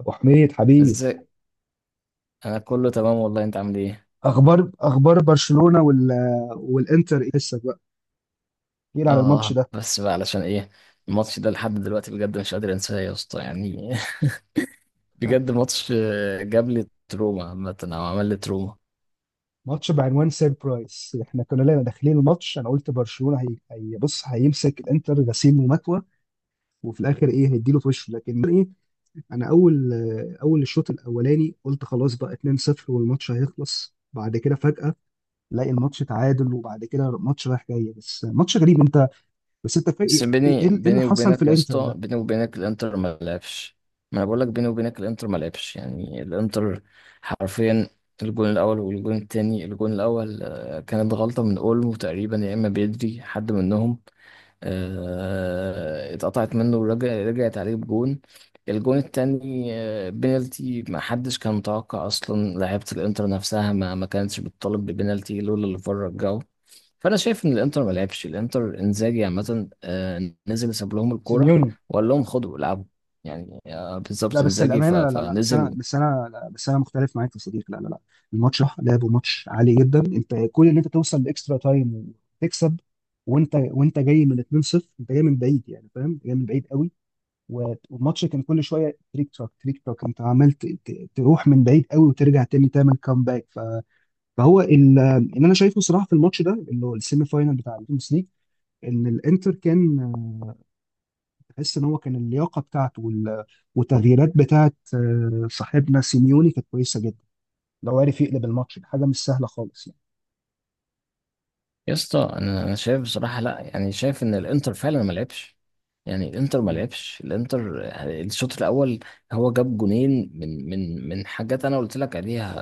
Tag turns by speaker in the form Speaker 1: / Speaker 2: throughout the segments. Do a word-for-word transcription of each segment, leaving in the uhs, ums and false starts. Speaker 1: ابو حميد حبيبي،
Speaker 2: ازاي؟ انا كله تمام والله، انت عامل ايه؟
Speaker 1: اخبار اخبار برشلونه وال والانتر ايه لسه بقى؟ احكي على الماتش
Speaker 2: اه،
Speaker 1: ده.
Speaker 2: بس بقى علشان ايه؟ الماتش ده لحد دلوقتي بجد مش قادر انساه يا اسطى يعني. بجد ماتش آه، جاب لي تروما عامه، او عمل لي تروما.
Speaker 1: ماتش بعنوان سيربرايز، احنا كنا لنا داخلين الماتش، انا قلت برشلونه هي هي، بص، هيمسك الانتر غسيل ومكوى، وفي الاخر ايه، هيديله في وشه. لكن ايه، انا اول اول الشوط الاولاني قلت خلاص بقى، اتنين صفر والماتش هيخلص. بعد كده فجأة لاقي الماتش تعادل، وبعد كده ماتش رايح جاي، بس ماتش غريب. انت بس انت فا- ايه
Speaker 2: بس
Speaker 1: إيه-
Speaker 2: بيني
Speaker 1: إيه اللي
Speaker 2: بيني
Speaker 1: حصل في
Speaker 2: وبينك يا
Speaker 1: الانتر
Speaker 2: اسطى،
Speaker 1: ده؟
Speaker 2: بيني وبينك الانتر ما لعبش. ما انا بقول لك بيني وبينك الانتر ما لعبش، يعني الانتر حرفيا. الجون الاول والجون التاني، الجون الاول آه، كانت غلطه من اولمو تقريبا، يا اما بيدري حد منهم. آه، اتقطعت منه ورجع رجعت عليه بجون. الجون التاني آه، بينالتي ما حدش كان متوقع اصلا، لعيبه الانتر نفسها ما ما كانتش بتطالب ببينالتي لولا اللي بره رجعه. فانا شايف ان الانتر ما لعبش، الانتر انزاجي عامه آه، نزل ساب لهم الكوره،
Speaker 1: سيميوني.
Speaker 2: وقال لهم خدوا العبوا. يعني آه،
Speaker 1: لا
Speaker 2: بالظبط
Speaker 1: بس
Speaker 2: انزاجي ف-
Speaker 1: الامانه لا لا لا بس انا
Speaker 2: فنزل.
Speaker 1: بس انا لا بس انا مختلف معاك يا صديقي، لا لا لا الماتش راح لعب، وماتش عالي جدا. انت كل ان انت توصل لاكسترا تايم وتكسب، وانت وانت جاي من اتنين صفر، انت جاي من بعيد يعني، فاهم، جاي من بعيد قوي. و- والماتش كان كل شويه تريك تراك تريك تراك، انت عملت ت- تروح من بعيد قوي وترجع تاني تعمل كامباك. ف... فهو ال... اللي انا شايفه صراحه في الماتش ده، اللي هو السيمي فاينال بتاع الشامبيونز ليج، ان الانتر كان، تحس ان هو كان اللياقه بتاعته وال- والتغييرات بتاعت آه، صاحبنا سيميوني كانت كويسه جدا. لو عرف يقلب الماتش دي حاجه مش سهله خالص يعني.
Speaker 2: يا اسطى انا انا شايف بصراحه، لا يعني شايف ان الانتر فعلا ما لعبش، يعني الانتر ما
Speaker 1: مم.
Speaker 2: لعبش، الانتر آه، الشوط الاول هو جاب جونين من من من حاجات انا قلت لك عليها.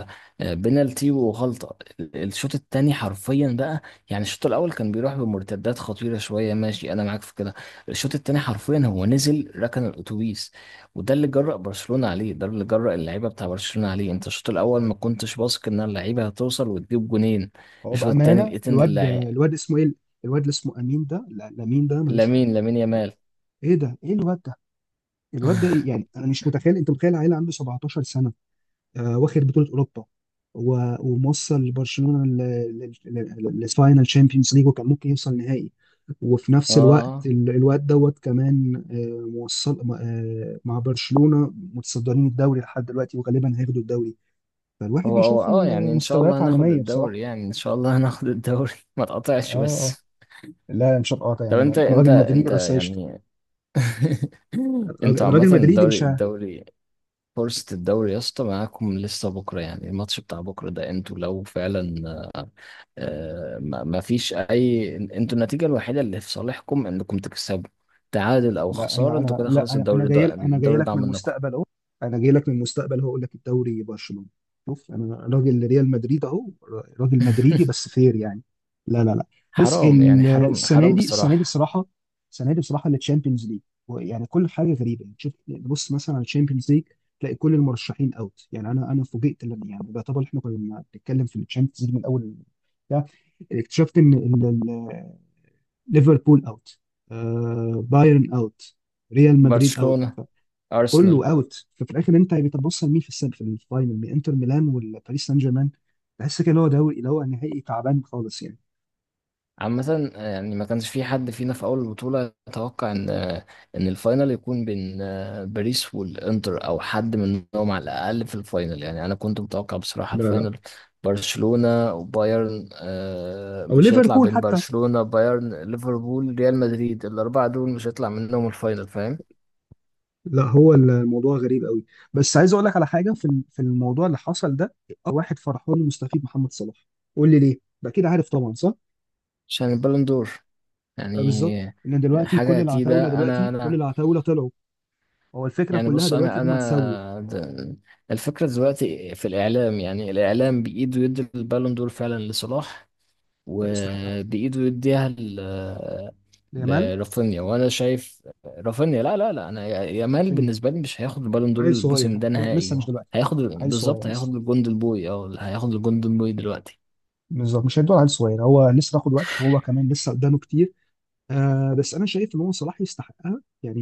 Speaker 2: آه، آه، بنالتي وغلطه، الشوط الثاني حرفيا بقى. يعني الشوط الاول كان بيروح بمرتدات خطيره شويه، ماشي انا معاك في كده. الشوط الثاني حرفيا هو نزل ركن الاتوبيس، وده اللي جرأ برشلونه عليه، ده اللي جرأ اللعيبه بتاع برشلونه عليه. انت الشوط الاول ما كنتش واثق ان اللعيبه هتوصل وتجيب جونين،
Speaker 1: هو
Speaker 2: الشوط التاني
Speaker 1: بامانه،
Speaker 2: لقيت ان
Speaker 1: الواد
Speaker 2: اللع-
Speaker 1: الواد اسمه ايه؟ الواد اللي اسمه امين ده، لا، لامين ده ملوش حل.
Speaker 2: لامين، لامين يامال.
Speaker 1: ايه ده ايه الواد ده، الواد ده
Speaker 2: اه،
Speaker 1: إيه؟ يعني انا مش متخيل. انت متخيل عيل عنده سبعتاشر سنه؟ آه، واخد بطولة أوروبا، و- وموصل برشلونة للفاينال تشامبيونز ليج وكان ممكن يوصل نهائي. وفي نفس الوقت
Speaker 2: آه.
Speaker 1: ال- الواد دوت كمان، آه، موصل، آه، مع برشلونة متصدرين الدوري لحد دلوقتي، وغالبا هياخدوا الدوري. فالواحد
Speaker 2: هو هو
Speaker 1: بيشوف
Speaker 2: اه، يعني ان شاء الله
Speaker 1: المستويات
Speaker 2: هناخد
Speaker 1: عالمية بصراحة.
Speaker 2: الدوري، يعني ان شاء الله هناخد الدوري. ما تقطعش
Speaker 1: اه،
Speaker 2: بس.
Speaker 1: اه، لا، مش هبقى قاطع يا
Speaker 2: طب
Speaker 1: عم،
Speaker 2: انت
Speaker 1: انا
Speaker 2: انت
Speaker 1: راجل مدريدي
Speaker 2: انت
Speaker 1: بس عشت.
Speaker 2: يعني.
Speaker 1: انا راجل،
Speaker 2: انتوا
Speaker 1: أنا
Speaker 2: عامة
Speaker 1: راجل مدريدي
Speaker 2: الدوري
Speaker 1: مش...
Speaker 2: الدوري فرصة الدوري يا اسطى معاكم لسه بكرة، يعني الماتش بتاع بكرة ده انتوا لو فعلا، آه، ما ما فيش اي، انتوا النتيجة الوحيدة اللي في صالحكم انكم تكسبوا، تعادل او
Speaker 1: لا انا
Speaker 2: خسارة انتوا
Speaker 1: انا
Speaker 2: كده
Speaker 1: لا
Speaker 2: خلاص.
Speaker 1: انا انا
Speaker 2: الدوري
Speaker 1: جاي
Speaker 2: ده
Speaker 1: انا جاي
Speaker 2: الدوري ده
Speaker 1: لك من
Speaker 2: عمل لكم.
Speaker 1: المستقبل اهو. انا جاي لك من المستقبل، هقول لك الدوري برشلونة. شوف، انا راجل ريال مدريد اهو، راجل مدريدي بس فير يعني. لا لا لا بص،
Speaker 2: حرام يعني،
Speaker 1: ال-
Speaker 2: حرام
Speaker 1: السنه
Speaker 2: حرام
Speaker 1: دي السنه دي
Speaker 2: بصراحة.
Speaker 1: الصراحه السنه دي بصراحه التشامبيونز ليج، يعني كل حاجه غريبه يعني. شوف، بص مثلا على الشامبيونز ليج، تلاقي كل المرشحين اوت. يعني انا انا فوجئت لما، يعني بيعتبر احنا كنا بنتكلم في الشامبيونز ليج من اول يعني، اكتشفت ان ليفربول اوت، آه، بايرن اوت، ريال مدريد اوت،
Speaker 2: برشلونة، أرسنال.
Speaker 1: كله اوت. ففي الاخر انت يعني بتبص لمين في السبب في الفاينل من انتر ميلان والباريس سان جيرمان، تحس كده اللي هو دوري، اللي هو نهائي تعبان خالص يعني.
Speaker 2: عامة يعني ما كانش في حد فينا في أول البطولة يتوقع إن إن الفاينل يكون بين آه، باريس والإنتر، أو حد منهم على الأقل في الفاينل، يعني أنا كنت متوقع بصراحة
Speaker 1: لا لا
Speaker 2: الفاينل برشلونة وبايرن، آه،
Speaker 1: او
Speaker 2: مش هيطلع
Speaker 1: ليفربول
Speaker 2: بين
Speaker 1: حتى.
Speaker 2: برشلونة بايرن ليفربول ريال مدريد، الأربعة دول مش هيطلع منهم الفاينل، فاهم.
Speaker 1: لا، هو الموضوع غريب قوي. بس عايز اقول لك على حاجه في ال- في الموضوع اللي حصل ده، أكتر واحد فرحان ومستفيد محمد صلاح. قول لي ليه ده كده، عارف طبعا، صح؟
Speaker 2: عشان البالون دور،
Speaker 1: آه،
Speaker 2: يعني
Speaker 1: بالظبط، ان
Speaker 2: آه،
Speaker 1: دلوقتي كل
Speaker 2: حاجة
Speaker 1: العتاوله،
Speaker 2: أكيدة. أنا
Speaker 1: دلوقتي كل
Speaker 2: أنا
Speaker 1: العتاوله طلعوا. هو الفكره
Speaker 2: يعني،
Speaker 1: كلها
Speaker 2: بص
Speaker 1: دلوقتي
Speaker 2: انا
Speaker 1: هم تساويوا.
Speaker 2: انا د- الفكره دلوقتي في الاعلام، يعني الاعلام بايده يدي البالون دور فعلا لصلاح،
Speaker 1: لا، يستحقها،
Speaker 2: وبايده يديها ل-
Speaker 1: يامال
Speaker 2: لرافينيا. وانا شايف رافينيا، لا لا لا، انا يا- يامال
Speaker 1: فيني،
Speaker 2: بالنسبه لي مش هياخد البالون دور
Speaker 1: عيل
Speaker 2: الموسم
Speaker 1: صغير،
Speaker 2: ده
Speaker 1: عيل لسه، مش
Speaker 2: نهائي،
Speaker 1: دلوقتي.
Speaker 2: هياخد
Speaker 1: عيل صغير
Speaker 2: بالظبط،
Speaker 1: لسه
Speaker 2: هياخد الجندل بوي، او هياخد الجندل بوي دلوقتي.
Speaker 1: بالظبط، مش هيدور على عيل صغير. هو لسه هياخد وقت، وهو كمان لسه قدامه كتير. آه، بس انا شايف ان هو صلاح يستحقها يعني.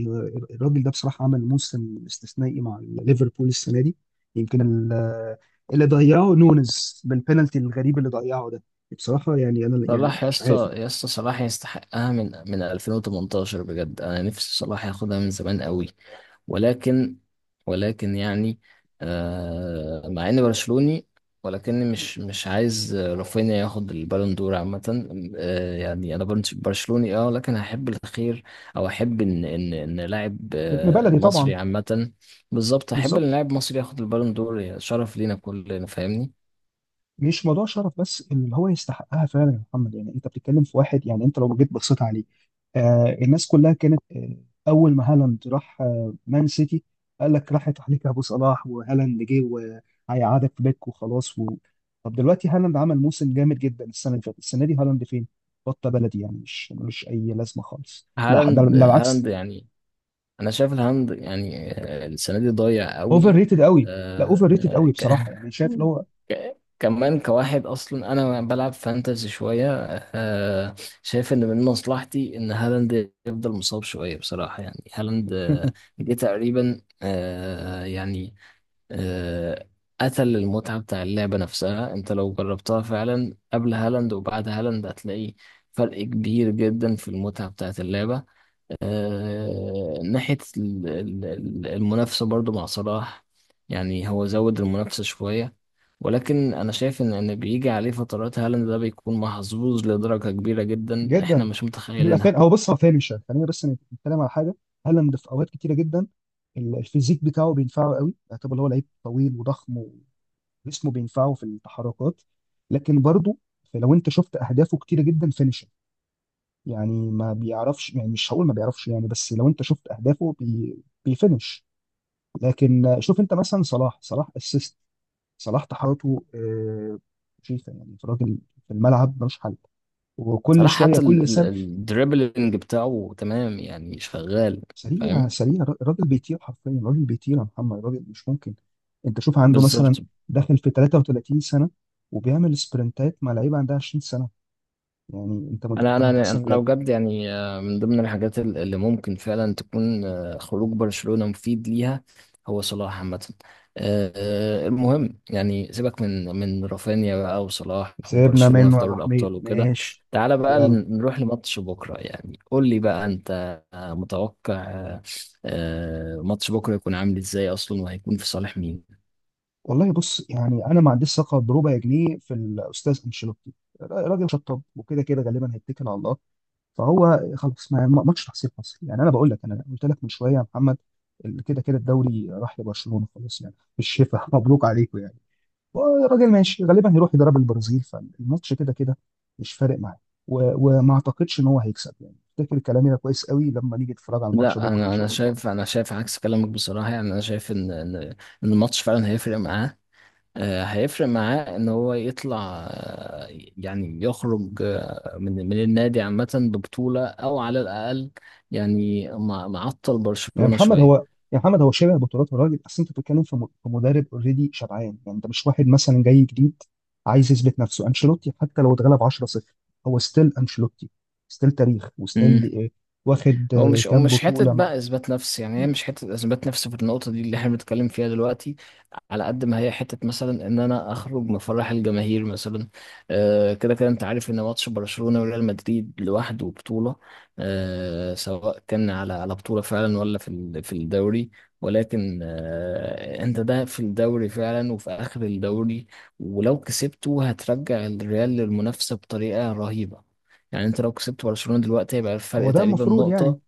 Speaker 1: الراجل ده بصراحه عمل موسم استثنائي مع ليفربول السنه دي. يمكن ال- اللي ضيعه نونز بالبينالتي الغريب اللي ضيعه ده، بصراحه يعني انا يعني
Speaker 2: صلاح يا
Speaker 1: مش عارف.
Speaker 2: اسطى يا اسطى، صلاح يستحقها من من ألفين وتمنتاشر، بجد انا نفسي صلاح ياخدها من زمان قوي، ولكن، ولكن يعني آه مع اني برشلوني، ولكني مش مش عايز رافينيا ياخد البالون دور عامة. آه، يعني انا برنس- برشلوني اه، لكن هحب الخير، او احب ان ان ان لاعب
Speaker 1: ابن
Speaker 2: آه
Speaker 1: بلدي طبعا،
Speaker 2: مصري عامة، بالظبط، احب ان
Speaker 1: بالظبط.
Speaker 2: لاعب مصري ياخد البالون دور، شرف لينا كلنا، فاهمني.
Speaker 1: مش موضوع شرف بس، اللي هو يستحقها فعلا يا محمد. يعني انت بتتكلم في واحد، يعني انت لو جيت بصيت عليه، آه، الناس كلها كانت، آه، اول ما هالاند راح آه، مان سيتي، قال لك راحت عليك ابو صلاح وهالاند جه، وهيقعدك في دك وخلاص و... طب دلوقتي هالاند عمل موسم جامد جدا السنه اللي فاتت، السنه دي هالاند فين؟ بطه بلدي يعني، مش ملوش اي لازمه خالص، لا، ده ده
Speaker 2: هالاند،
Speaker 1: بالعكس،
Speaker 2: هالاند يعني، انا شايف الهاند يعني آه، السنه دي ضايع
Speaker 1: اوفر
Speaker 2: قوي.
Speaker 1: ريتد قوي. لا،
Speaker 2: آه،
Speaker 1: اوفر ريتد
Speaker 2: آه،
Speaker 1: قوي
Speaker 2: ك...
Speaker 1: بصراحه. يعني شايف اللي هو،
Speaker 2: ك- كمان كواحد اصلا انا بلعب فانتزي شويه، آه، شايف ان من مصلحتي ان هالاند يفضل مصاب شويه بصراحه. يعني هالاند آه، جه تقريبا، آه، يعني آه، قتل المتعة بتاع اللعبة نفسها. انت لو جربتها فعلا قبل هالاند وبعد هالاند هتلاقي فرق كبير جدا في المتعة بتاعت اللعبة. آه، ناحية ال- ال- ال- المنافسة برضو مع صلاح، يعني هو زود المنافسة شوية، ولكن أنا شايف إن إن بيجي عليه فترات، هالاند ده بيكون محظوظ لدرجة كبيرة جدا، إحنا
Speaker 1: جدا.
Speaker 2: مش
Speaker 1: بيبقى فين
Speaker 2: متخيلينها.
Speaker 1: هو؟ بص، هو فينشر، خلينا بس نتكلم على حاجه. هالاند في اوقات كتيره جدا ال- الفيزيك بتاعه بينفعه قوي، يعتبر اللي هو لعيب طويل وضخم، جسمه بينفعه في التحركات. لكن برضه، لو انت شفت اهدافه كتيره جدا فينشر يعني، ما بيعرفش يعني، مش هقول ما بيعرفش يعني، بس لو انت شفت اهدافه بي، بيفنش. لكن آه، شوف انت مثلا صلاح. صلاح اسيست، صلاح تحركاته آه، مخيفه يعني. في الراجل في الملعب ملوش حل، وكل
Speaker 2: صلاح
Speaker 1: شويه
Speaker 2: حتى
Speaker 1: كل سنه
Speaker 2: الدريبلينج بتاعه تمام، يعني شغال.
Speaker 1: سريع،
Speaker 2: فاهم.
Speaker 1: سريع، الر- الراجل بيطير حرفيا، راجل بيطير يا محمد، الراجل مش ممكن. انت شوف عنده مثلا
Speaker 2: بالظبط.
Speaker 1: داخل في تلاتة وتلاتين سنه، وبيعمل سبرنتات مع لعيبه عندها عشرين سنه. يعني انت مت...
Speaker 2: انا
Speaker 1: انت
Speaker 2: انا انا
Speaker 1: متحسن
Speaker 2: أنا
Speaker 1: لي.
Speaker 2: بجد يعني آه، من ضمن الحاجات ال- اللي ممكن فعلا تكون آه، خروج برشلونة مفيد ليها، هو صلاح عامة. آه، آه، المهم يعني سيبك من من رافينيا بقى، وصلاح
Speaker 1: سيبنا
Speaker 2: وبرشلونة
Speaker 1: منه
Speaker 2: في
Speaker 1: يا
Speaker 2: دوري
Speaker 1: ابو حميد،
Speaker 2: الابطال وكده.
Speaker 1: ماشي.
Speaker 2: تعالى بقى
Speaker 1: يلا.
Speaker 2: ن- نروح لماتش بكرة، يعني قول لي بقى انت آه، متوقع آه، آه، ماتش بكرة يكون عامل ازاي اصلا، وهيكون في صالح مين.
Speaker 1: والله بص، يعني انا ما عنديش ثقه بربع جنيه في الاستاذ انشيلوتي. راجل شطب، وكده كده غالبا هيتكل على الله. فهو خلاص، ما ما- ماتش تحصيل حصل يعني. انا بقول لك، انا قلت لك من شويه يا محمد، ال- كده كده الدوري راح لبرشلونه خلاص يعني، بالشفا، مبروك عليكم يعني. الراجل ماشي غالبا، هيروح يضرب البرازيل، فالماتش كده كده مش فارق معاه، و... وما اعتقدش ان هو هيكسب. يعني افتكر كلامي ده كويس قوي لما نيجي نتفرج على الماتش
Speaker 2: لا
Speaker 1: بكره ان
Speaker 2: انا انا
Speaker 1: شاء
Speaker 2: شايف،
Speaker 1: الله.
Speaker 2: انا شايف عكس كلامك بصراحة، يعني انا شايف ان إن- إن الماتش فعلا هيفرق معاه، آه، هيفرق معاه ان هو يطلع، آه، يعني يخرج آه، من من النادي عامة ببطولة او على الاقل، يعني مع- معطل
Speaker 1: يعني
Speaker 2: برشلونة
Speaker 1: محمد،
Speaker 2: شوية.
Speaker 1: هو، يا محمد هو شبه بطولات الراجل. اصل انت بتتكلم في م- في مدرب اوريدي شبعان. يعني انت مش واحد مثلا جاي جديد عايز يثبت نفسه. انشيلوتي حتى لو اتغلب عشرة صفر هو ستيل انشيلوتي. ستيل تاريخ، وستيل آه، واخد
Speaker 2: هو
Speaker 1: آه،
Speaker 2: مش
Speaker 1: كام
Speaker 2: ومش حتة
Speaker 1: بطولة مع...
Speaker 2: بقى إثبات نفس، يعني هي مش حتة إثبات نفس في النقطة دي اللي احنا بنتكلم فيها دلوقتي، على قد ما هي حتة مثلا إن أنا أخرج من فرح الجماهير مثلا. آه، كده كده أنت عارف إن ماتش برشلونة وريال مدريد لوحده بطولة، آه، سواء كان على على بطولة فعلا، ولا في ال- في الدوري، ولكن آه، أنت ده في الدوري فعلا، وفي آخر الدوري، ولو كسبته هترجع الريال للمنافسة بطريقة رهيبة. يعني انت لو كسبت برشلونة دلوقتي هيبقى
Speaker 1: هو
Speaker 2: الفرق
Speaker 1: ده
Speaker 2: تقريبا
Speaker 1: المفروض يعني.
Speaker 2: نقطة،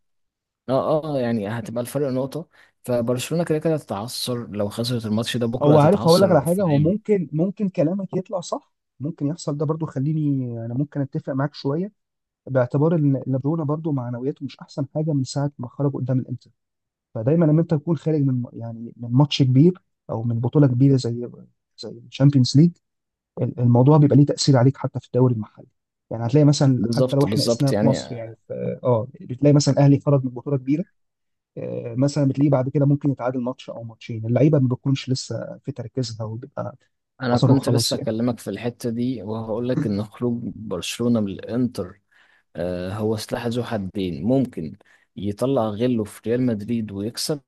Speaker 2: اه اه، يعني هتبقى الفرق نقطة، فبرشلونة كده كده هتتعثر، لو خسرت الماتش ده بكرة
Speaker 1: هو عارف، هقول لك على
Speaker 2: هتتعثر في
Speaker 1: حاجة. هو
Speaker 2: العين.
Speaker 1: ممكن ممكن كلامك يطلع صح. ممكن يحصل ده برضو. خليني، انا ممكن اتفق معاك شوية، باعتبار ان إن برشلونة برضو معنوياته مش احسن حاجة من ساعة ما خرجوا قدام الانتر. فدايما لما انت تكون خارج من يعني من ماتش كبير، او من بطوله كبيره، زي زي الشامبيونز ليج، الموضوع بيبقى ليه تاثير عليك حتى في الدوري المحلي. يعني هتلاقي مثلا، حتى لو
Speaker 2: بالظبط
Speaker 1: احنا قسناها
Speaker 2: بالظبط،
Speaker 1: في
Speaker 2: يعني
Speaker 1: مصر، يعني في اه، بتلاقي مثلا اهلي خرج من بطوله كبيره، آه مثلا بتلاقيه بعد كده ممكن يتعادل ماتش او ماتشين، اللعيبه ما بتكونش لسه في تركيزها، وبيبقى،
Speaker 2: انا
Speaker 1: حصلوا
Speaker 2: كنت
Speaker 1: خلاص
Speaker 2: لسه
Speaker 1: يعني.
Speaker 2: اكلمك في الحتة دي، وهقول لك ان خروج برشلونة من الانتر آه هو سلاح ذو حدين، ممكن يطلع غله في ريال مدريد ويكسب،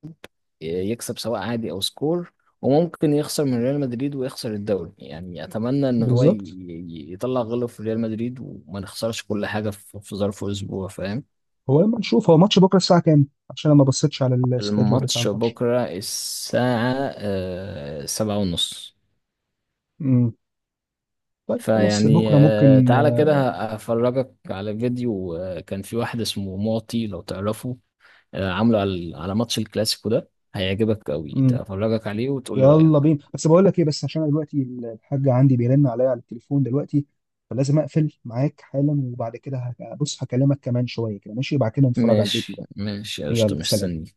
Speaker 2: آه، يكسب سواء عادي او سكور، وممكن يخسر من ريال مدريد ويخسر الدوري. يعني اتمنى ان هو ي-
Speaker 1: بالظبط.
Speaker 2: ي- يطلع غله في ريال مدريد، وما نخسرش كل حاجة في في ظرف اسبوع، فاهم.
Speaker 1: هو لما نشوف، هو ماتش بكره الساعه كام؟ عشان انا ما بصيتش على السكادجول بتاع
Speaker 2: الماتش
Speaker 1: الماتش.
Speaker 2: بكرة الساعة آه، سبعة ونص.
Speaker 1: امم. طيب خلاص،
Speaker 2: فيعني
Speaker 1: بكره
Speaker 2: آه،
Speaker 1: ممكن.
Speaker 2: تعالى كده ه- هفرجك على فيديو، آه، كان في واحد اسمه معطي لو تعرفه، آه، عامله على على ماتش الكلاسيكو ده، هيعجبك قوي،
Speaker 1: امم.
Speaker 2: هفرجك عليه وتقول لي
Speaker 1: يلا
Speaker 2: رأيك.
Speaker 1: بينا. بس بقول لك ايه، بس عشان أنا دلوقتي الحاج عندي بيرن عليا على التليفون دلوقتي، فلازم اقفل معاك حالا، وبعد كده هك- بص هكلمك كمان شويه كده، ماشي؟ بعد كده نتفرج على الفيديو
Speaker 2: ماشي
Speaker 1: ده.
Speaker 2: ماشي،
Speaker 1: يلا
Speaker 2: قشطة،
Speaker 1: سلام.
Speaker 2: مستني.